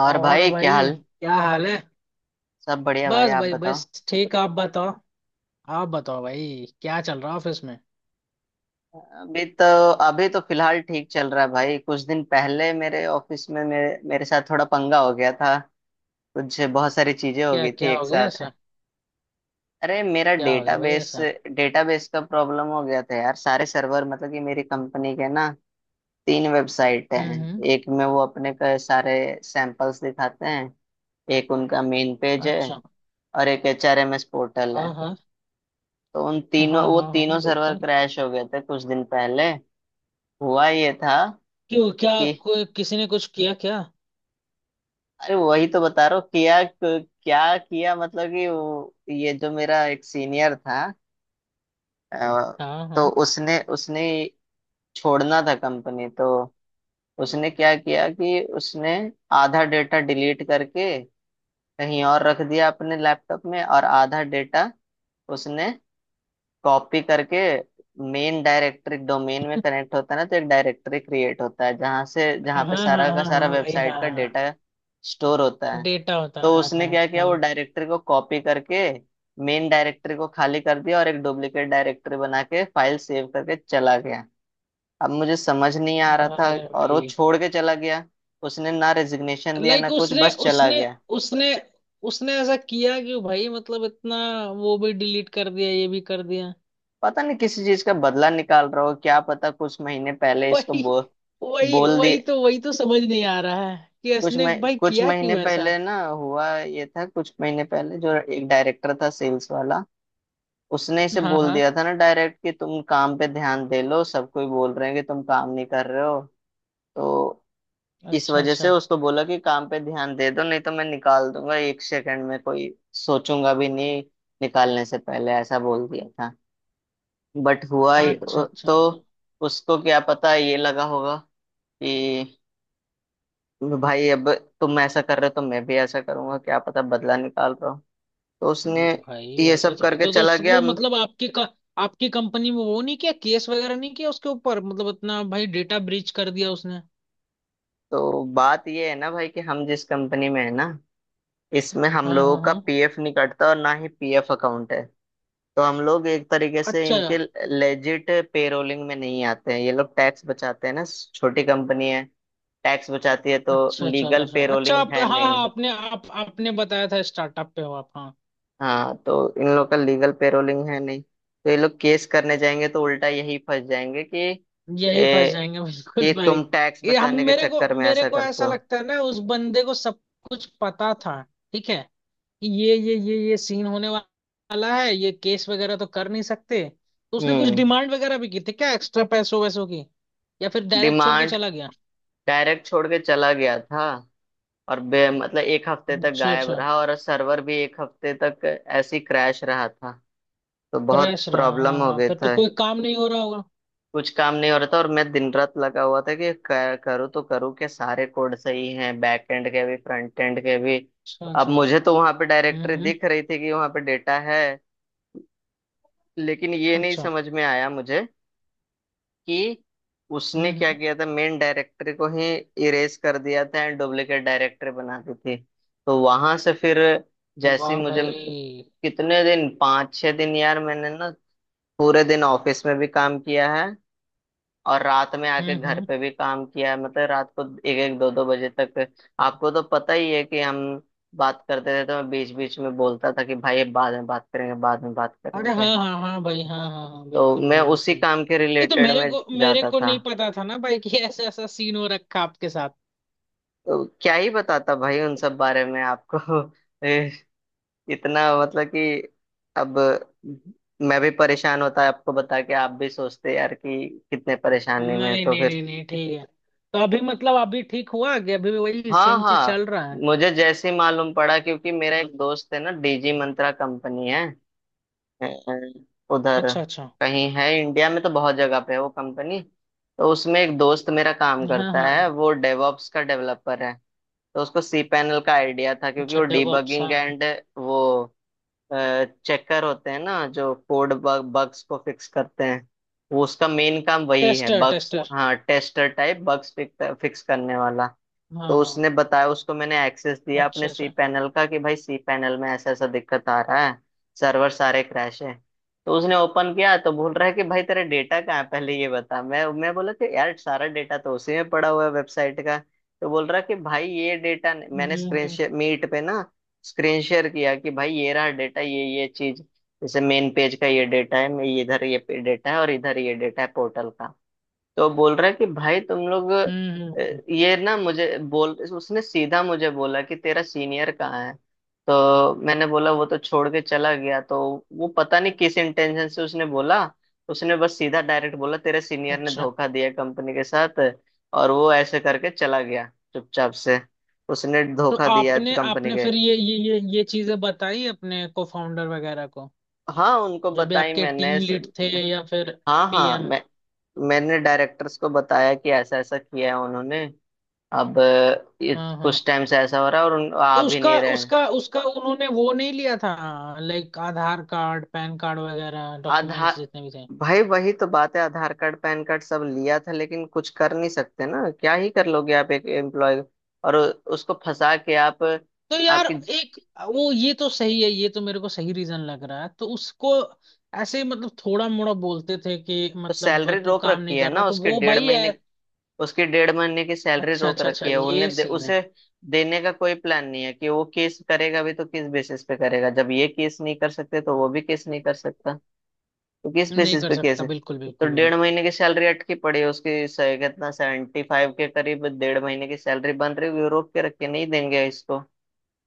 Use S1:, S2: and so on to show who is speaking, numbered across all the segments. S1: और
S2: और
S1: भाई क्या
S2: भाई
S1: हाल।
S2: क्या हाल है।
S1: सब बढ़िया भाई,
S2: बस
S1: आप
S2: भाई
S1: बताओ।
S2: बस ठीक। आप बताओ। आप बताओ भाई क्या चल रहा ऑफिस में।
S1: अभी तो अभी तो फिलहाल ठीक चल रहा है भाई। कुछ दिन पहले मेरे ऑफिस में मेरे मेरे साथ थोड़ा पंगा हो गया था। कुछ बहुत सारी चीजें हो
S2: क्या
S1: गई थी
S2: क्या
S1: एक
S2: हो गया
S1: साथ।
S2: ऐसा।
S1: अरे मेरा
S2: क्या हो गया भाई
S1: डेटाबेस
S2: ऐसा।
S1: डेटाबेस का प्रॉब्लम हो गया था यार। सारे सर्वर मतलब कि मेरी कंपनी के ना तीन वेबसाइट हैं।
S2: हम्म।
S1: एक में वो अपने का सारे सैंपल्स दिखाते हैं। एक उनका मेन पेज है
S2: अच्छा।
S1: और एक एचआरएमएस पोर्टल है।
S2: हाँ हाँ
S1: तो उन तीनों
S2: हाँ
S1: वो
S2: हाँ
S1: तीनों
S2: हाँ
S1: सर्वर
S2: बिल्कुल।
S1: क्रैश हो गए थे कुछ दिन पहले। हुआ ये था
S2: क्यों क्या?
S1: कि
S2: कोई किसी ने कुछ किया क्या?
S1: अरे वही तो बता रहा हूँ, किया क्या किया, मतलब कि ये जो मेरा एक सीनियर था, अ,
S2: हाँ
S1: तो
S2: हाँ
S1: उसने उसने छोड़ना था कंपनी। तो उसने क्या किया कि उसने आधा डेटा डिलीट करके कहीं और रख दिया अपने लैपटॉप में, और आधा डेटा उसने कॉपी करके मेन डायरेक्टरी डोमेन में कनेक्ट होता है ना, तो एक डायरेक्टरी क्रिएट होता है जहाँ से जहाँ
S2: हाँ
S1: पे
S2: हाँ
S1: सारा का
S2: हाँ
S1: सारा
S2: हाँ भाई,
S1: वेबसाइट
S2: हाँ
S1: का
S2: हाँ
S1: डेटा स्टोर होता है।
S2: डेटा होता,
S1: तो
S2: हाँ
S1: उसने क्या किया, वो
S2: हाँ
S1: डायरेक्टर को कॉपी करके मेन डायरेक्टर को खाली कर दिया और एक डुप्लीकेट डायरेक्टर बना के फाइल सेव करके चला गया। अब मुझे समझ नहीं आ रहा
S2: हाँ।
S1: था।
S2: अरे
S1: और वो
S2: भाई,
S1: छोड़ के चला गया। उसने ना रेजिग्नेशन दिया
S2: लाइक
S1: ना कुछ,
S2: उसने
S1: बस चला
S2: उसने
S1: गया।
S2: उसने उसने ऐसा किया क्यों भाई, मतलब इतना। वो भी डिलीट कर दिया, ये भी कर दिया।
S1: पता नहीं किसी चीज का बदला निकाल रहा हो, क्या पता। कुछ महीने पहले इसको
S2: वही वही
S1: बोल दिए।
S2: वही तो समझ नहीं आ रहा है कि इसने भाई
S1: कुछ
S2: किया
S1: महीने
S2: क्यों ऐसा।
S1: पहले ना हुआ ये था। कुछ महीने पहले जो एक डायरेक्टर था सेल्स वाला, उसने इसे
S2: हाँ
S1: बोल
S2: हाँ।
S1: दिया था ना डायरेक्ट कि तुम काम पे ध्यान दे लो, सब कोई बोल रहे हैं कि तुम काम नहीं कर रहे हो। तो इस
S2: अच्छा
S1: वजह से
S2: अच्छा
S1: उसको बोला कि काम पे ध्यान दे दो नहीं तो मैं निकाल दूंगा एक सेकंड में, कोई सोचूंगा भी नहीं। निकालने से पहले ऐसा बोल दिया था।
S2: अच्छा
S1: हम्म।
S2: अच्छा
S1: तो
S2: अच्छा।
S1: उसको क्या पता ये लगा होगा कि भाई अब तुम ऐसा कर रहे हो तो मैं भी ऐसा करूंगा, क्या पता बदला निकाल रहा हूँ। तो उसने
S2: भाई,
S1: ये
S2: ऐसा
S1: सब
S2: थोड़ी।
S1: करके
S2: तो
S1: चला गया।
S2: उसको मतलब आपकी आपकी कंपनी में वो नहीं किया, केस वगैरह नहीं किया उसके ऊपर, मतलब इतना भाई, डेटा ब्रीच कर दिया उसने।
S1: तो बात ये है ना भाई कि हम जिस कंपनी में है ना, इसमें हम
S2: हाँ
S1: लोगों
S2: हाँ
S1: का
S2: हाँ।
S1: पीएफ नहीं कटता और ना ही पीएफ अकाउंट है। तो हम लोग एक तरीके से
S2: अच्छा
S1: इनके लेजिट पेरोलिंग में नहीं आते हैं। ये लोग टैक्स बचाते हैं ना, छोटी कंपनी है, टैक्स बचाती है तो
S2: अच्छा अच्छा अच्छा
S1: लीगल
S2: अच्छा अच्छा।
S1: पेरोलिंग
S2: आप,
S1: है
S2: हाँ हाँ।
S1: नहीं।
S2: आपने बताया था स्टार्टअप पे हो आप, हाँ।
S1: हाँ, तो इन लोग का लीगल पेरोलिंग है नहीं, तो ये लोग केस करने जाएंगे तो उल्टा यही फंस जाएंगे कि
S2: यही फंस
S1: ए,
S2: जाएंगे
S1: कि
S2: बिल्कुल भाई।
S1: तुम टैक्स
S2: ये हम,
S1: बचाने के
S2: मेरे को
S1: चक्कर में
S2: मेरे
S1: ऐसा
S2: को
S1: करते
S2: ऐसा
S1: हो।
S2: लगता है ना, उस बंदे को सब कुछ पता था, ठीक है, कि ये सीन होने वाला है। ये केस वगैरह तो कर नहीं सकते, तो उसने कुछ
S1: हम्म।
S2: डिमांड वगैरह भी की थी क्या, एक्स्ट्रा पैसों वैसों की, या फिर डायरेक्ट छोड़ के
S1: डिमांड,
S2: चला गया।
S1: डायरेक्ट छोड़ के चला गया था। और बे मतलब एक हफ्ते तक
S2: अच्छा
S1: गायब
S2: अच्छा।
S1: रहा और सर्वर भी एक हफ्ते तक ऐसे ही क्रैश रहा था। तो बहुत
S2: क्रैश रहा, हाँ
S1: प्रॉब्लम हो
S2: हाँ,
S1: गए
S2: फिर तो
S1: था।
S2: कोई काम नहीं हो रहा होगा।
S1: कुछ काम नहीं हो रहा था और मैं दिन रात लगा हुआ था कि करूँ तो करूँ, के सारे कोड सही हैं बैक एंड के भी फ्रंट एंड के भी।
S2: अच्छा
S1: अब
S2: अच्छा।
S1: मुझे तो वहां पे डायरेक्टरी
S2: हम्म।
S1: दिख रही थी कि वहां पे डेटा है, लेकिन ये नहीं
S2: अच्छा।
S1: समझ में आया मुझे कि उसने क्या
S2: हम्म।
S1: किया था, मेन डायरेक्टर को ही इरेज कर दिया था एंड डुप्लीकेट डायरेक्टर बना दी थी। तो वहां से फिर जैसे
S2: वाह
S1: ही मुझे,
S2: भाई।
S1: कितने दिन, 5-6 दिन यार मैंने ना पूरे दिन ऑफिस में भी काम किया है, और रात में आके घर
S2: हम्म।
S1: पे भी काम किया है, मतलब रात को एक एक दो दो बजे तक। आपको तो पता ही है कि हम बात करते थे तो मैं बीच बीच में बोलता था कि भाई ये बाद में बात करेंगे बाद में बात
S2: अरे
S1: करेंगे।
S2: हाँ हाँ हाँ भाई, हाँ हाँ हाँ,
S1: तो
S2: बिल्कुल
S1: मैं
S2: भाई
S1: उसी
S2: बिल्कुल।
S1: काम के
S2: ये तो
S1: रिलेटेड
S2: मेरे
S1: में
S2: को मेरे
S1: जाता
S2: को
S1: था।
S2: नहीं पता था ना भाई कि ऐसा ऐसा सीन हो रखा आपके साथ।
S1: तो क्या ही बताता भाई उन सब बारे में आपको। ए, इतना मतलब कि अब मैं भी परेशान होता है आपको बता के, आप भी सोचते यार कि कितने परेशानी
S2: नहीं
S1: में हैं।
S2: नहीं
S1: तो फिर
S2: नहीं नहीं, ठीक है। तो अभी मतलब, अभी ठीक हुआ कि अभी भी वही
S1: हाँ,
S2: सेम चीज
S1: हाँ,
S2: चल रहा है।
S1: मुझे जैसे ही मालूम पड़ा, क्योंकि मेरा एक दोस्त है ना, डीजी मंत्रा कंपनी है, उधर
S2: अच्छा अच्छा।
S1: कहीं है इंडिया में, तो बहुत जगह पे है वो कंपनी। तो उसमें एक दोस्त मेरा काम
S2: हाँ
S1: करता
S2: हाँ।
S1: है, वो डेवॉप्स का डेवलपर है। तो उसको सी पैनल का आइडिया था, क्योंकि
S2: अच्छा,
S1: वो
S2: डेवऑप्स। हाँ
S1: डिबगिंग
S2: हाँ।
S1: एंड वो चेकर होते हैं ना जो कोड बग्स को फिक्स करते हैं। वो उसका मेन काम वही है,
S2: टेस्टर
S1: बग्स,
S2: टेस्टर।
S1: हाँ टेस्टर टाइप बग्स फिक्स करने वाला।
S2: हाँ
S1: तो
S2: हाँ।
S1: उसने बताया, उसको मैंने एक्सेस दिया अपने
S2: अच्छा
S1: सी
S2: अच्छा।
S1: पैनल का कि भाई सी पैनल में ऐसा ऐसा दिक्कत आ रहा है, सर्वर सारे क्रैश है। तो उसने ओपन किया तो बोल रहा है कि भाई तेरा डेटा कहाँ है, पहले ये बता। मैं बोला कि यार सारा डेटा तो उसी में पड़ा हुआ है वेबसाइट का। तो बोल रहा है कि भाई ये डेटा, मैंने
S2: हम्म
S1: स्क्रीन
S2: हम्म
S1: शेयर मीट पे ना स्क्रीन शेयर किया कि भाई ये रहा डेटा, ये चीज, जैसे मेन पेज का ये डेटा है मैं इधर, ये डेटा है और इधर ये डेटा है पोर्टल का। तो बोल रहा है कि भाई तुम लोग
S2: हम्म हम्म, हम्म।
S1: ये ना मुझे बोल, उसने सीधा मुझे बोला कि तेरा सीनियर कहाँ है। तो मैंने बोला वो तो छोड़ के चला गया। तो वो पता नहीं किस इंटेंशन से उसने बोला, उसने बस सीधा डायरेक्ट बोला तेरे सीनियर ने
S2: अच्छा।
S1: धोखा दिया कंपनी के साथ, और वो ऐसे करके चला गया चुपचाप से। उसने
S2: तो
S1: धोखा दिया
S2: आपने
S1: कंपनी
S2: आपने
S1: के।
S2: फिर ये चीजें बताई अपने को, फाउंडर वगैरह को,
S1: हाँ उनको
S2: जो भी
S1: बताई
S2: आपके टीम
S1: मैंने
S2: लीड थे या फिर
S1: हाँ, हाँ
S2: पीएम।
S1: मैं, मैंने डायरेक्टर्स को बताया कि ऐसा ऐसा किया है उन्होंने। अब ये
S2: हाँ
S1: कुछ
S2: हाँ।
S1: टाइम से ऐसा हो रहा है और
S2: तो
S1: आ भी
S2: उसका
S1: नहीं रहे हैं।
S2: उसका उसका उन्होंने वो नहीं लिया था like, Aadhaar card, PAN card वगैरह डॉक्यूमेंट्स
S1: आधार,
S2: जितने भी थे।
S1: भाई वही तो बात है, आधार कार्ड पैन कार्ड सब लिया था, लेकिन कुछ कर नहीं सकते ना, क्या ही कर लोगे आप एक एम्प्लॉय, और उसको फंसा के आप,
S2: तो यार
S1: आपकी
S2: एक वो, ये तो सही है, ये तो मेरे को सही रीजन लग रहा है। तो उसको ऐसे ही मतलब, थोड़ा मोड़ा बोलते थे कि मतलब
S1: सैलरी
S2: तू
S1: रोक
S2: काम
S1: रखी
S2: नहीं
S1: है
S2: कर रहा,
S1: ना
S2: तो
S1: उसके
S2: वो
S1: डेढ़
S2: भाई है।
S1: महीने। उसके डेढ़ महीने की सैलरी
S2: अच्छा
S1: रोक
S2: अच्छा अच्छा,
S1: रखी है,
S2: ये
S1: उन्हें
S2: सीन है।
S1: उसे देने का कोई प्लान नहीं है। कि वो केस करेगा भी तो किस बेसिस पे करेगा, जब ये केस नहीं कर सकते तो वो भी केस नहीं कर सकता। तो किस
S2: नहीं
S1: बेसिस
S2: कर
S1: पे
S2: सकता,
S1: कैसे।
S2: बिल्कुल
S1: तो
S2: बिल्कुल
S1: डेढ़
S2: भाई।
S1: महीने की सैलरी अटकी पड़ी है उसकी, कितना, 75 के करीब डेढ़ महीने की सैलरी बन रही है। रोक के रख के नहीं देंगे इसको,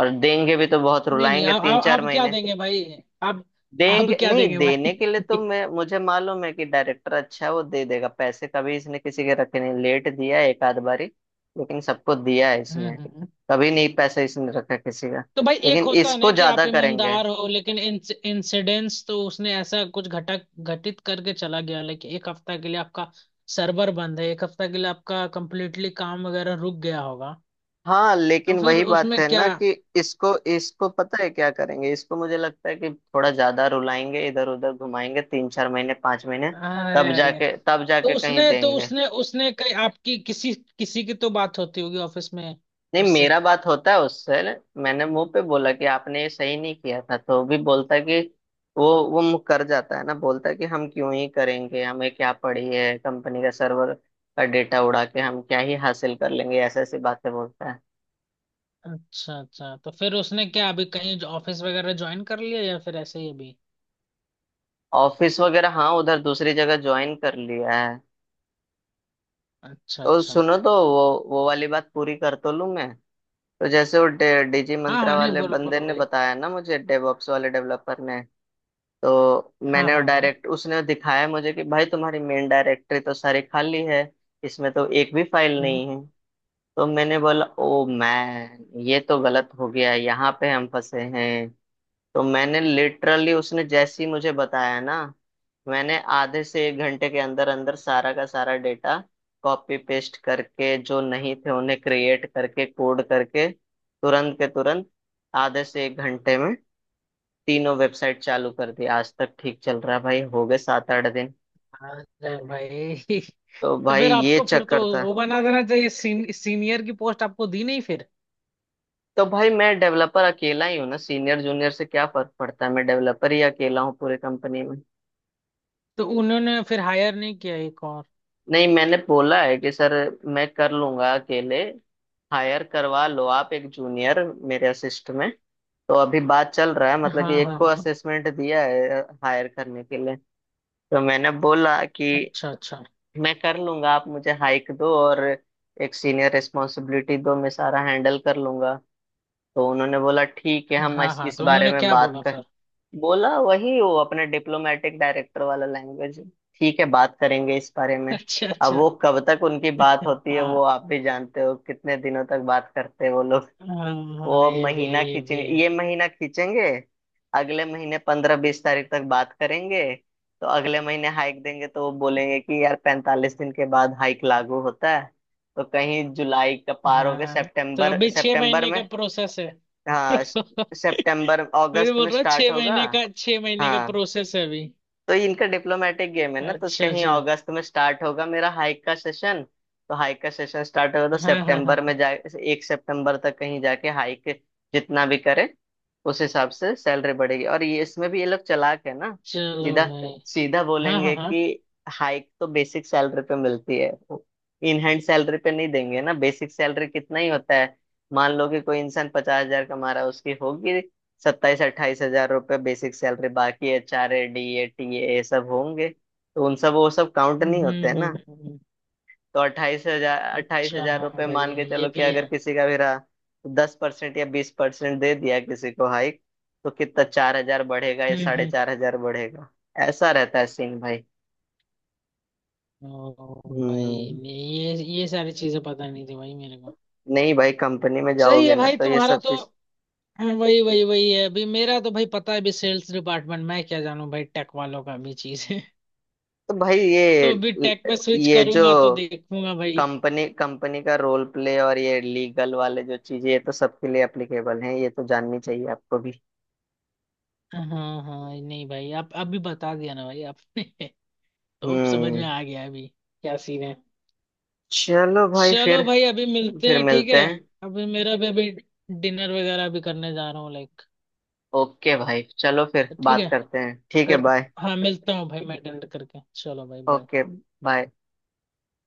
S1: और देंगे भी तो बहुत
S2: नहीं नहीं,
S1: रुलाएंगे
S2: आप
S1: तीन
S2: आप
S1: चार
S2: आप क्या
S1: महीने
S2: देंगे भाई। आप आप
S1: देंगे,
S2: क्या
S1: नहीं
S2: देंगे
S1: देने
S2: भाई।
S1: के लिए तो, मैं मुझे मालूम है कि डायरेक्टर अच्छा है, वो दे देगा पैसे, कभी इसने किसी के रखे नहीं, लेट दिया एक आध बारी, लेकिन सबको दिया है इसने।
S2: हम्म।
S1: कभी नहीं पैसे इसने रखा किसी का,
S2: तो भाई, एक
S1: लेकिन
S2: होता है ना
S1: इसको
S2: कि आप
S1: ज्यादा करेंगे।
S2: ईमानदार हो, लेकिन इंसिडेंस तो उसने ऐसा कुछ घटक घटित करके चला गया, लेकिन एक हफ्ता के लिए आपका सर्वर बंद है, एक हफ्ता के लिए आपका कंप्लीटली काम वगैरह रुक गया होगा,
S1: हाँ
S2: तो
S1: लेकिन
S2: फिर
S1: वही बात
S2: उसमें
S1: है
S2: क्या।
S1: ना कि इसको इसको पता है क्या करेंगे इसको, मुझे लगता है कि थोड़ा ज्यादा रुलाएंगे, इधर उधर घुमाएंगे 3-4 महीने 5 महीने,
S2: अरे अरे।
S1: तब जाके कहीं
S2: तो
S1: देंगे।
S2: उसने उसने कई आपकी किसी, किसी की तो बात होती होगी ऑफिस में
S1: नहीं,
S2: उससे।
S1: मेरा बात होता है उससे। मैंने मुंह पे बोला कि आपने ये सही नहीं किया था, तो वो भी बोलता है कि वो मुँह कर जाता है ना, बोलता है कि हम क्यों ही करेंगे, हमें क्या पड़ी है कंपनी का सर्वर का डेटा उड़ा के, हम क्या ही हासिल कर लेंगे, ऐसे ऐसी बातें बोलता है।
S2: अच्छा अच्छा। तो फिर उसने क्या, अभी कहीं ऑफिस वगैरह ज्वाइन कर लिया या फिर ऐसे ही अभी।
S1: ऑफिस वगैरह हाँ उधर दूसरी जगह ज्वाइन कर लिया है।
S2: अच्छा
S1: तो
S2: अच्छा।
S1: सुनो, तो वो वाली बात पूरी कर तो लूं मैं। तो जैसे वो डीजी
S2: हाँ
S1: मंत्रा
S2: हाँ। नहीं,
S1: वाले
S2: बोलो
S1: बंदे
S2: बोलो
S1: ने
S2: भाई।
S1: बताया ना मुझे, डेवऑप्स वाले डेवलपर ने, तो
S2: हाँ
S1: मैंने वो
S2: हाँ हाँ,
S1: डायरेक्ट, उसने दिखाया मुझे कि भाई तुम्हारी मेन डायरेक्टरी तो सारी खाली है, इसमें तो एक भी फाइल नहीं है। तो मैंने बोला ओ मैन ये तो गलत हो गया, यहाँ पे हम फंसे हैं। तो मैंने लिटरली, उसने जैसे ही मुझे बताया ना, मैंने आधे से एक घंटे के अंदर अंदर सारा का सारा डेटा कॉपी पेस्ट करके, जो नहीं थे उन्हें क्रिएट करके, कोड करके, तुरंत के तुरंत, आधे से एक घंटे में तीनों वेबसाइट चालू कर दी। आज तक ठीक चल रहा है भाई, हो गए 7-8 दिन।
S2: अरे भाई।
S1: तो
S2: तो
S1: भाई
S2: फिर
S1: ये
S2: आपको फिर तो
S1: चक्कर था।
S2: वो बना देना चाहिए, सीनियर की पोस्ट, आपको दी नहीं फिर।
S1: तो भाई मैं डेवलपर अकेला ही हूँ ना, सीनियर जूनियर से क्या फर्क पड़ता है, मैं डेवलपर ही अकेला हूँ पूरे कंपनी में।
S2: तो उन्होंने फिर हायर नहीं किया एक और।
S1: नहीं मैंने बोला है कि सर मैं कर लूंगा अकेले, हायर करवा लो आप एक जूनियर मेरे असिस्ट में। तो अभी बात चल रहा है, मतलब कि
S2: हाँ
S1: एक
S2: हाँ
S1: को
S2: हाँ।
S1: असेसमेंट दिया है हायर करने के लिए। तो मैंने बोला कि
S2: अच्छा अच्छा।
S1: मैं कर लूंगा, आप मुझे हाइक दो और एक सीनियर रिस्पॉन्सिबिलिटी दो, मैं सारा हैंडल कर लूंगा। तो उन्होंने बोला ठीक है हम
S2: हाँ
S1: इस,
S2: हाँ।
S1: इस
S2: तो
S1: बारे
S2: उन्होंने
S1: में
S2: क्या
S1: बात
S2: बोला
S1: कर,
S2: फिर।
S1: बोला वही, वो अपने डिप्लोमेटिक डायरेक्टर वाला लैंग्वेज, ठीक है बात करेंगे इस बारे में।
S2: अच्छा
S1: अब
S2: अच्छा।
S1: वो कब तक उनकी बात होती है
S2: हाँ
S1: वो आप भी जानते हो कितने दिनों तक बात करते हैं वो।
S2: हाँ हाँ,
S1: वो
S2: ये भी है
S1: महीना
S2: ये भी
S1: खींचेंगे
S2: है।
S1: ये महीना खींचेंगे, अगले महीने 15-20 तारीख तक बात करेंगे। तो अगले महीने हाइक देंगे तो वो बोलेंगे कि यार 45 दिन के बाद हाइक लागू होता है। तो कहीं जुलाई का पार हो गया,
S2: हाँ। तो
S1: सितंबर,
S2: अभी छह
S1: सितंबर
S2: महीने
S1: में।
S2: का प्रोसेस है।
S1: हाँ सितंबर,
S2: वही तो
S1: अगस्त
S2: बोल
S1: में
S2: रहा,
S1: स्टार्ट होगा।
S2: छह महीने का
S1: हाँ,
S2: प्रोसेस है अभी।
S1: तो इनका डिप्लोमेटिक गेम है ना, तो
S2: अच्छा
S1: कहीं
S2: अच्छा।
S1: अगस्त में स्टार्ट होगा मेरा हाइक का सेशन। तो हाइक का सेशन स्टार्ट होगा तो
S2: हाँ हाँ
S1: सितंबर
S2: हाँ।
S1: में जा, 1 सितंबर तक कहीं जाके हाइक जितना भी करे, उस हिसाब से सैलरी बढ़ेगी। और ये इसमें भी ये लोग चालाक है ना,
S2: चलो
S1: सीधा
S2: भाई।
S1: सीधा
S2: हाँ हाँ
S1: बोलेंगे
S2: हाँ।
S1: कि हाइक तो बेसिक सैलरी पे मिलती है, इन हैंड सैलरी पे नहीं देंगे ना। बेसिक सैलरी कितना ही होता है, मान लो कि कोई इंसान 50,000 कमा रहा है, उसकी होगी 27-28 हजार रुपये बेसिक सैलरी, बाकी H R A D A T A सब होंगे, तो उन सब वो सब काउंट नहीं
S2: हम्म
S1: होते हैं ना।
S2: हम्म हम्म,
S1: तो अट्ठाईस हजार अट्ठाईस
S2: अच्छा
S1: हजार
S2: हाँ
S1: रुपये
S2: भाई,
S1: मान के
S2: ये
S1: चलो, कि
S2: भी
S1: अगर
S2: है।
S1: किसी का भी रहा तो 10% या 20% दे दिया किसी को हाइक, तो कितना, 4,000 बढ़ेगा या साढ़े
S2: हम्म।
S1: चार हजार बढ़ेगा। ऐसा रहता है सीन भाई।
S2: हम्म, ओ भाई,
S1: हम्म।
S2: मैं ये सारी चीजें पता नहीं थी भाई मेरे को।
S1: नहीं भाई कंपनी में
S2: सही
S1: जाओगे
S2: है
S1: ना
S2: भाई
S1: तो ये
S2: तुम्हारा
S1: सब
S2: तो।
S1: चीज।
S2: हाँ, वही वही वही है अभी मेरा तो भाई, पता है अभी सेल्स डिपार्टमेंट, मैं क्या जानूं भाई, टेक वालों का भी चीज है।
S1: तो भाई ये
S2: तो अभी टेक में स्विच
S1: ये जो
S2: करूंगा तो देखूंगा भाई।
S1: कंपनी कंपनी का रोल प्ले और ये लीगल वाले जो चीजें, ये तो सबके लिए एप्लीकेबल हैं, ये तो जाननी चाहिए आपको भी।
S2: हाँ हाँ। नहीं भाई, आप अभी बता दिया ना भाई आपने। तो अब समझ में
S1: हम्म।
S2: आ गया अभी क्या सीन है।
S1: चलो भाई फिर
S2: चलो भाई, अभी मिलते
S1: फिर
S2: हैं, ठीक
S1: मिलते
S2: है।
S1: हैं।
S2: अभी मेरा भी अभी डिनर वगैरह भी करने जा रहा हूँ लाइक।
S1: ओके भाई चलो फिर
S2: तो ठीक
S1: बात
S2: है,
S1: करते हैं, ठीक है
S2: करता
S1: बाय।
S2: हाँ, मिलता हूँ भाई, मैं अटेंड करके, चलो भाई, बाय।
S1: Okay bye.